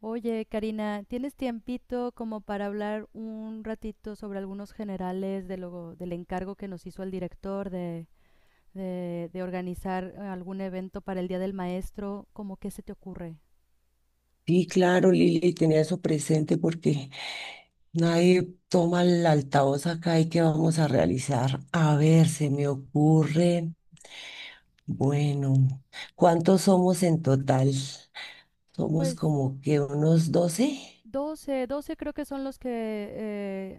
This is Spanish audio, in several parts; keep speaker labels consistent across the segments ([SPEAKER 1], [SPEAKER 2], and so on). [SPEAKER 1] Oye, Karina, ¿tienes tiempito como para hablar un ratito sobre algunos generales de del encargo que nos hizo el director de organizar algún evento para el Día del Maestro? ¿Cómo qué se te ocurre?
[SPEAKER 2] Sí, claro, Lili, tenía eso presente porque nadie toma el altavoz acá y qué vamos a realizar. A ver, se me ocurre, bueno, ¿cuántos somos en total? Somos
[SPEAKER 1] Pues
[SPEAKER 2] como que unos 12.
[SPEAKER 1] doce creo que son los que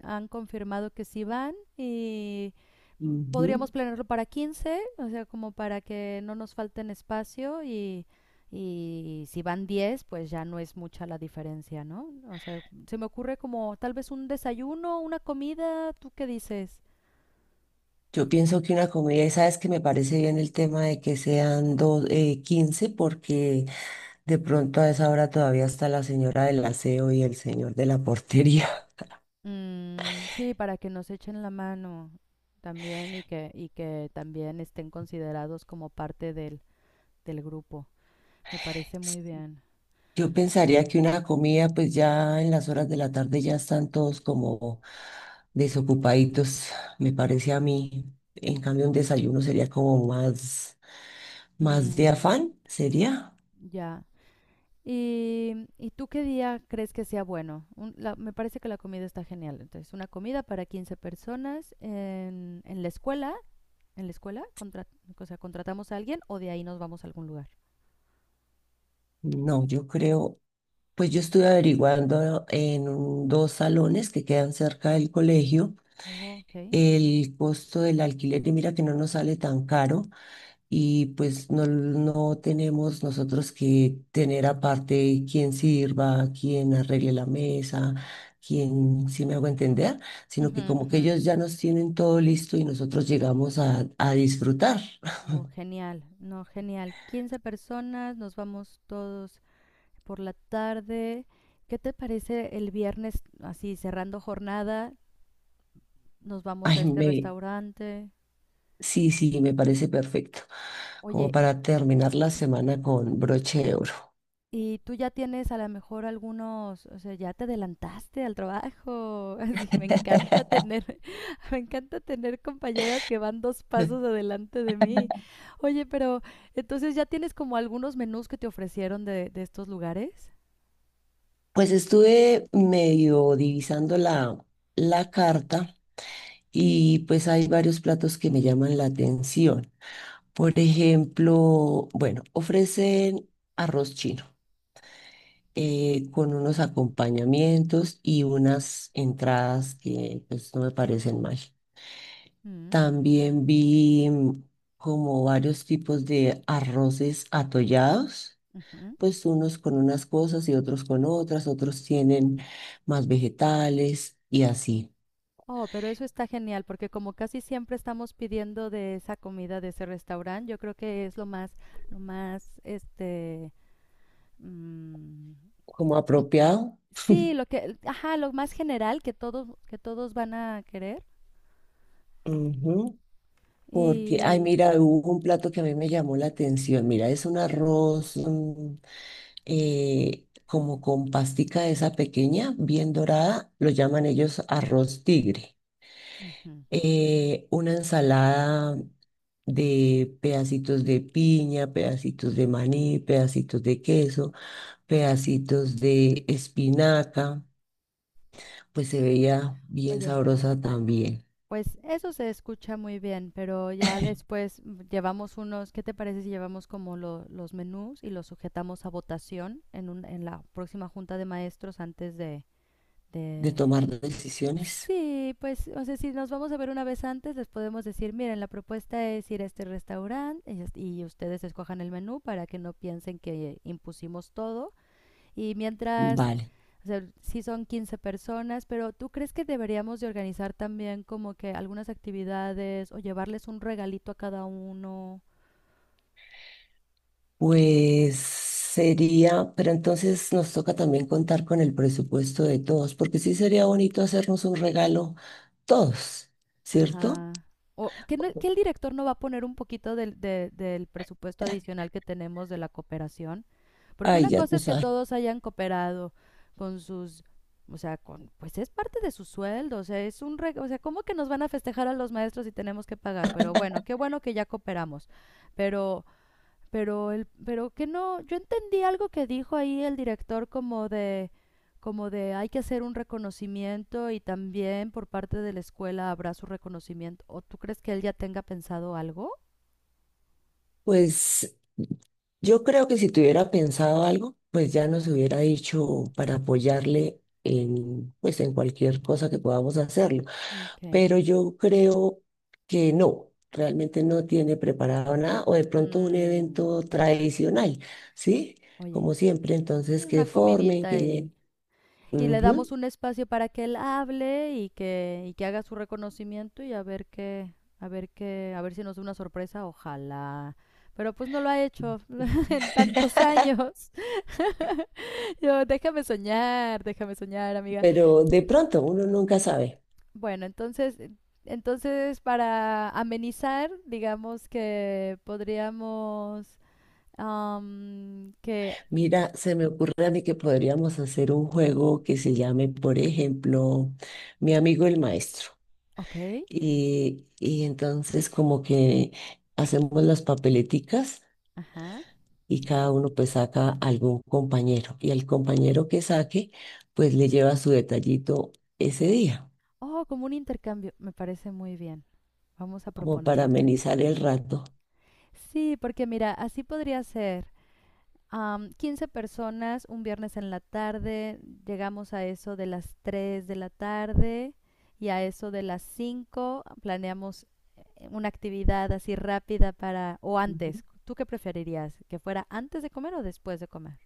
[SPEAKER 1] han confirmado que sí van y
[SPEAKER 2] Ujú.
[SPEAKER 1] podríamos planearlo para quince, o sea, como para que no nos falten espacio, y si van 10 pues ya no es mucha la diferencia, ¿no? O sea, se me ocurre como tal vez un desayuno, una comida, ¿tú qué dices?
[SPEAKER 2] Yo pienso que una comida, y sabes que me parece bien el tema de que sean 15, porque de pronto a esa hora todavía está la señora del aseo y el señor de la portería.
[SPEAKER 1] Mm, sí, para que nos echen la mano también y y que también estén considerados como parte del grupo. Me parece muy bien.
[SPEAKER 2] Yo pensaría que una comida, pues ya en las horas de la tarde ya están todos como desocupaditos, me parece a mí. En cambio, un desayuno sería como más, de
[SPEAKER 1] Mm,
[SPEAKER 2] afán, ¿sería?
[SPEAKER 1] ya. ¿ y tú qué día crees que sea bueno? Me parece que la comida está genial. Entonces, una comida para 15 personas en la escuela. En la escuela, o sea, contratamos a alguien o de ahí nos vamos a algún lugar.
[SPEAKER 2] No, yo creo, pues yo estuve averiguando en dos salones que quedan cerca del colegio,
[SPEAKER 1] Oh, ok.
[SPEAKER 2] el costo del alquiler y mira que no nos sale tan caro. Y pues no, no tenemos nosotros que tener aparte quién sirva, quién arregle la mesa, quién, si me hago entender, sino
[SPEAKER 1] Ujú,
[SPEAKER 2] que como que
[SPEAKER 1] ujú.
[SPEAKER 2] ellos ya nos tienen todo listo y nosotros llegamos a disfrutar.
[SPEAKER 1] Oh, genial. No, genial. 15 personas, nos vamos todos por la tarde. ¿Qué te parece el viernes, así cerrando jornada? Nos vamos a
[SPEAKER 2] Ay,
[SPEAKER 1] este restaurante.
[SPEAKER 2] sí, sí, me parece perfecto, como
[SPEAKER 1] Oye,
[SPEAKER 2] para terminar la semana con broche de oro.
[SPEAKER 1] y tú ya tienes a lo mejor algunos, o sea, ya te adelantaste al trabajo. Así, me encanta tener, me encanta tener compañeras que van dos pasos adelante de mí. Oye, pero entonces ya tienes como algunos menús que te ofrecieron de estos lugares.
[SPEAKER 2] Pues estuve medio divisando la carta y pues hay varios platos que me llaman la atención. Por ejemplo, bueno, ofrecen arroz chino con unos acompañamientos y unas entradas que pues, no me parecen mal.
[SPEAKER 1] Mm,
[SPEAKER 2] También vi como varios tipos de arroces atollados,
[SPEAKER 1] ujú.
[SPEAKER 2] pues unos con unas cosas y otros con otras, otros tienen más vegetales y así,
[SPEAKER 1] Oh, pero eso está genial, porque como casi siempre estamos pidiendo de esa comida de ese restaurante, yo creo que es lo más, este, mm.
[SPEAKER 2] como apropiado.
[SPEAKER 1] Sí, lo que, ajá, lo más general que que todos van a querer.
[SPEAKER 2] Ujú. Porque, ay,
[SPEAKER 1] Y,
[SPEAKER 2] mira, hubo un plato que a mí me llamó la atención. Mira, es un arroz como con pastica esa pequeña, bien dorada, lo llaman ellos arroz tigre.
[SPEAKER 1] ujú.
[SPEAKER 2] Una ensalada de pedacitos de piña, pedacitos de maní, pedacitos de queso, pedacitos de espinaca, pues se veía bien
[SPEAKER 1] Oye,
[SPEAKER 2] sabrosa también.
[SPEAKER 1] pues eso se escucha muy bien, pero ya después llevamos unos, ¿qué te parece si llevamos como los menús y los sujetamos a votación en en la próxima junta de maestros antes
[SPEAKER 2] De
[SPEAKER 1] de...
[SPEAKER 2] tomar decisiones,
[SPEAKER 1] Sí, pues, o sea, si nos vamos a ver una vez antes, les podemos decir, miren, la propuesta es ir a este restaurante y ustedes escojan el menú para que no piensen que impusimos todo. Y mientras,
[SPEAKER 2] vale.
[SPEAKER 1] o sea, sí son 15 personas, pero ¿tú crees que deberíamos de organizar también como que algunas actividades o llevarles un regalito a cada uno?
[SPEAKER 2] Pues sería, pero entonces nos toca también contar con el presupuesto de todos, porque sí sería bonito hacernos un regalo todos, ¿cierto?
[SPEAKER 1] Ajá. O que, que el director no va a poner un poquito del, del presupuesto adicional que tenemos de la cooperación. Porque
[SPEAKER 2] Ay,
[SPEAKER 1] una
[SPEAKER 2] ya
[SPEAKER 1] cosa
[SPEAKER 2] tú
[SPEAKER 1] es que
[SPEAKER 2] sabes.
[SPEAKER 1] todos hayan cooperado con sus, o sea, con, pues es parte de su sueldo, o sea, es un, o sea, ¿cómo que nos van a festejar a los maestros si tenemos que pagar? Pero bueno, qué bueno que ya cooperamos. Pero el pero que no yo entendí algo que dijo ahí el director como de, como de hay que hacer un reconocimiento y también por parte de la escuela habrá su reconocimiento, o tú crees que él ya tenga pensado algo.
[SPEAKER 2] Pues yo creo que si tuviera pensado algo, pues ya nos hubiera dicho para apoyarle en, pues en cualquier cosa que podamos hacerlo.
[SPEAKER 1] Ok.
[SPEAKER 2] Pero yo creo que no, realmente no tiene preparado nada o de pronto un
[SPEAKER 1] Mm,
[SPEAKER 2] evento tradicional, ¿sí?
[SPEAKER 1] oye,
[SPEAKER 2] Como siempre, entonces
[SPEAKER 1] una
[SPEAKER 2] que formen,
[SPEAKER 1] comidita,
[SPEAKER 2] que...
[SPEAKER 1] y le
[SPEAKER 2] Ujú.
[SPEAKER 1] damos un espacio para que él hable y que, y que haga su reconocimiento y a ver qué, a ver si nos da una sorpresa, ojalá, pero pues no lo ha hecho en tantos años. Yo, déjame soñar, amiga.
[SPEAKER 2] Pero de
[SPEAKER 1] Pero,
[SPEAKER 2] pronto uno nunca sabe.
[SPEAKER 1] bueno, entonces, entonces para amenizar, digamos que podríamos am, que,
[SPEAKER 2] Mira, se me ocurre a mí que podríamos hacer un juego que se llame, por ejemplo, Mi amigo el maestro.
[SPEAKER 1] ok,
[SPEAKER 2] Y entonces como que hacemos las papeleticas
[SPEAKER 1] ajá.
[SPEAKER 2] y cada uno pues saca algún compañero y al compañero que saque pues le lleva su detallito ese día,
[SPEAKER 1] Oh, como un intercambio, me parece muy bien. Vamos a
[SPEAKER 2] como para
[SPEAKER 1] proponerles eso.
[SPEAKER 2] amenizar el rato.
[SPEAKER 1] Sí, porque mira, así podría ser. Am, 15 personas, un viernes en la tarde, llegamos a eso de las 3 de la tarde y a eso de las cinco planeamos una actividad así rápida para, o
[SPEAKER 2] Ujú.
[SPEAKER 1] antes, ¿tú qué preferirías? ¿Que fuera antes de comer o después de comer?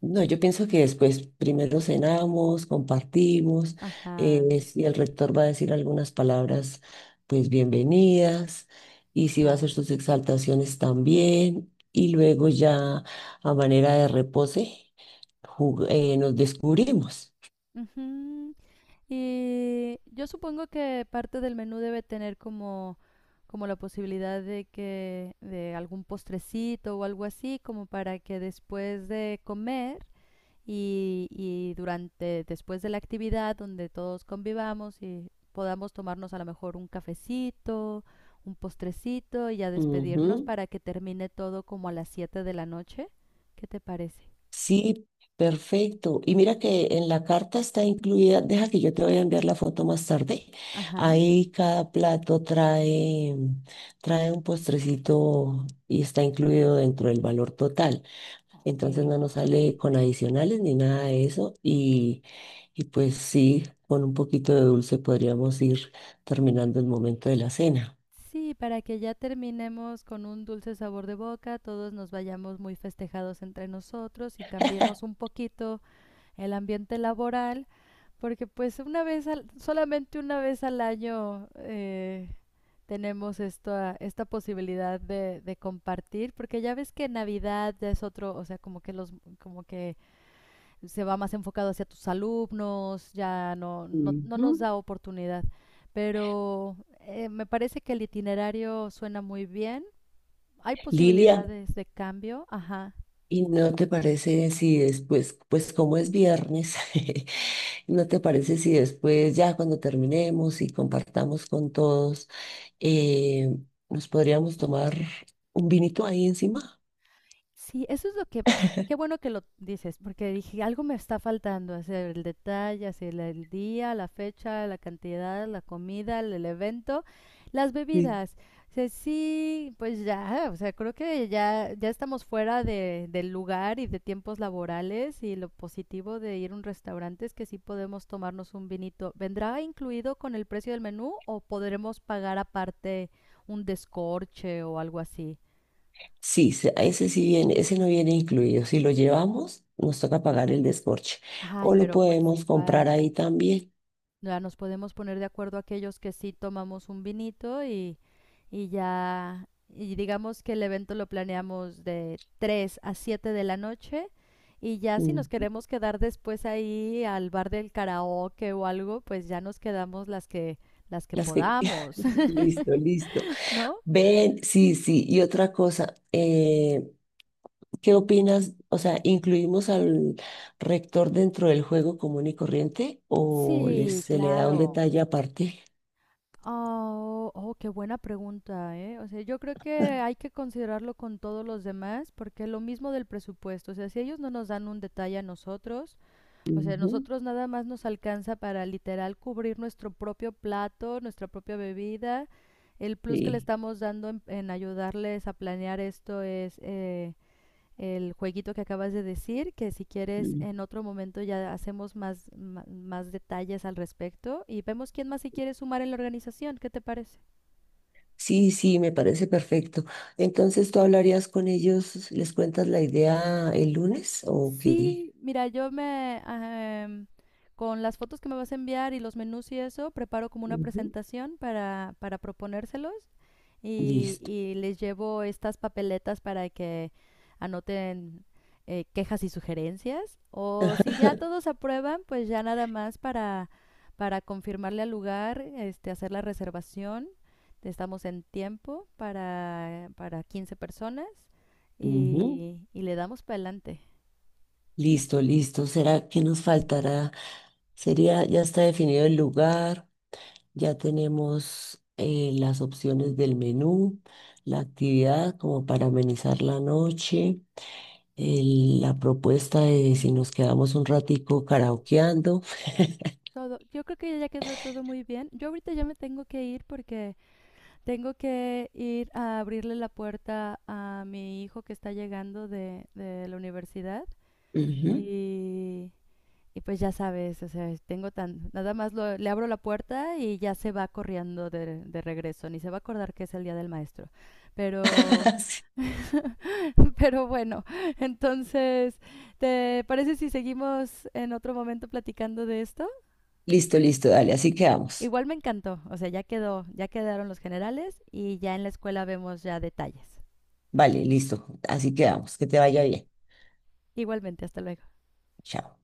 [SPEAKER 2] No, yo pienso que después primero cenamos, compartimos,
[SPEAKER 1] Ajá,
[SPEAKER 2] si el rector va a decir algunas palabras, pues bienvenidas, y si va a
[SPEAKER 1] ya.
[SPEAKER 2] hacer sus exaltaciones también, y luego ya a manera de repose, nos descubrimos.
[SPEAKER 1] Ujú. Y yo supongo que parte del menú debe tener como, como la posibilidad de algún postrecito o algo así, como para que después de comer y durante, después de la actividad donde todos convivamos y podamos tomarnos a lo mejor un cafecito, un postrecito y ya despedirnos
[SPEAKER 2] Ujú.
[SPEAKER 1] para que termine todo como a las 7 de la noche. ¿Qué te parece?
[SPEAKER 2] Sí, perfecto. Y mira que en la carta está incluida, deja que yo te voy a enviar la foto más tarde.
[SPEAKER 1] Ajá.
[SPEAKER 2] Ahí cada plato trae un postrecito y está incluido dentro del valor total. Entonces no nos sale con adicionales ni nada de eso. Y pues sí, con un poquito de dulce podríamos ir terminando el momento de la cena.
[SPEAKER 1] Sí, para que ya terminemos con un dulce sabor de boca, todos nos vayamos muy festejados entre nosotros y cambiemos un poquito el ambiente laboral, porque pues una vez, solamente una vez al año tenemos esta, esta posibilidad de compartir, porque ya ves que Navidad ya es otro, o sea, como que los, como que se va más enfocado hacia tus alumnos, ya no, no
[SPEAKER 2] Ujú.
[SPEAKER 1] nos da oportunidad. Pero me parece que el itinerario suena muy bien. Hay
[SPEAKER 2] Lilia,
[SPEAKER 1] posibilidades de cambio, ajá.
[SPEAKER 2] ¿y no te parece si después, pues como es viernes, no te parece si después, ya cuando terminemos y compartamos con todos, eh, nos podríamos tomar un vinito ahí encima?
[SPEAKER 1] Sí, eso es lo que, ah, qué bueno que lo dices, porque dije, algo me está faltando, hacer el detalle, el día, la fecha, la cantidad, la comida, el evento, las
[SPEAKER 2] Sí,
[SPEAKER 1] bebidas. O sea, sí, pues ya, o sea, creo que ya, ya estamos fuera de, del lugar y de tiempos laborales, y lo positivo de ir a un restaurante es que sí podemos tomarnos un vinito. ¿Vendrá incluido con el precio del menú o podremos pagar aparte un descorche o algo así?
[SPEAKER 2] sí, a ese sí viene, ese no viene incluido. Si lo llevamos, nos toca pagar el descorche.
[SPEAKER 1] Ay,
[SPEAKER 2] O lo
[SPEAKER 1] pero pues
[SPEAKER 2] podemos comprar
[SPEAKER 1] igual,
[SPEAKER 2] ahí también.
[SPEAKER 1] ya nos podemos poner de acuerdo aquellos que sí tomamos un vinito, y ya, y digamos que el evento lo planeamos de 3 a 7 de la noche, y ya si nos
[SPEAKER 2] Mm.
[SPEAKER 1] queremos quedar después ahí al bar del karaoke o algo, pues ya nos quedamos las que
[SPEAKER 2] Las que...
[SPEAKER 1] podamos.
[SPEAKER 2] Listo, listo.
[SPEAKER 1] ¿No?
[SPEAKER 2] Ven, sí, sí. Y otra cosa, ¿qué opinas? O sea, ¿incluimos al rector dentro del juego común y corriente o les,
[SPEAKER 1] Sí,
[SPEAKER 2] se le da un
[SPEAKER 1] claro.
[SPEAKER 2] detalle aparte?
[SPEAKER 1] Oh, oh, qué buena pregunta, ¿eh? O sea, yo creo que hay que considerarlo con todos los demás, porque lo mismo del presupuesto, o sea, si ellos no nos dan un detalle a nosotros, o sea,
[SPEAKER 2] Ujú,
[SPEAKER 1] nosotros nada más nos alcanza para literal cubrir nuestro propio plato, nuestra propia bebida, el plus que le
[SPEAKER 2] sí.
[SPEAKER 1] estamos dando en ayudarles a planear esto es... el jueguito que acabas de decir, que si quieres
[SPEAKER 2] Mm.
[SPEAKER 1] en otro momento ya hacemos más, más detalles al respecto y vemos quién más se quiere sumar en la organización. ¿Qué te parece?
[SPEAKER 2] Sí, sí, me parece perfecto. Entonces, ¿tú hablarías con ellos? ¿Les cuentas la idea el lunes o qué?
[SPEAKER 1] Sí, mira, yo me... em, con las fotos que me vas a enviar y los menús y eso, preparo como una
[SPEAKER 2] Ujú.
[SPEAKER 1] presentación para proponérselos,
[SPEAKER 2] Listo.
[SPEAKER 1] y les llevo estas papeletas para que anoten quejas y sugerencias. O si ya todos aprueban, pues ya nada más para confirmarle al lugar, este, hacer la reservación. Estamos en tiempo para 15 personas,
[SPEAKER 2] Ujú.
[SPEAKER 1] y le damos para adelante.
[SPEAKER 2] Listo, listo. ¿Será que nos faltará? Sería, ya está definido el lugar. Ya tenemos las opciones del menú, la actividad como para amenizar la noche,
[SPEAKER 1] Mm,
[SPEAKER 2] la propuesta de si
[SPEAKER 1] ujú.
[SPEAKER 2] nos quedamos un ratico karaokeando.
[SPEAKER 1] Todo, yo creo que ya quedó todo muy bien. Yo ahorita ya me tengo que ir porque tengo que ir a abrirle la puerta a mi hijo que está llegando de la universidad
[SPEAKER 2] Ujú.
[SPEAKER 1] y, y pues ya sabes, o sea, tengo tan, nada más le abro la puerta y ya se va corriendo de regreso, ni se va a acordar que es el Día del Maestro. Pero,
[SPEAKER 2] Sí.
[SPEAKER 1] pero bueno, entonces, ¿te parece si seguimos en otro momento platicando de esto?
[SPEAKER 2] Listo, listo, dale, así quedamos.
[SPEAKER 1] Igual me encantó, o sea, ya quedó, ya quedaron los generales y ya en la escuela vemos ya detalles.
[SPEAKER 2] Vale, listo, así quedamos. Que te vaya bien.
[SPEAKER 1] Igualmente, hasta luego.
[SPEAKER 2] Chao.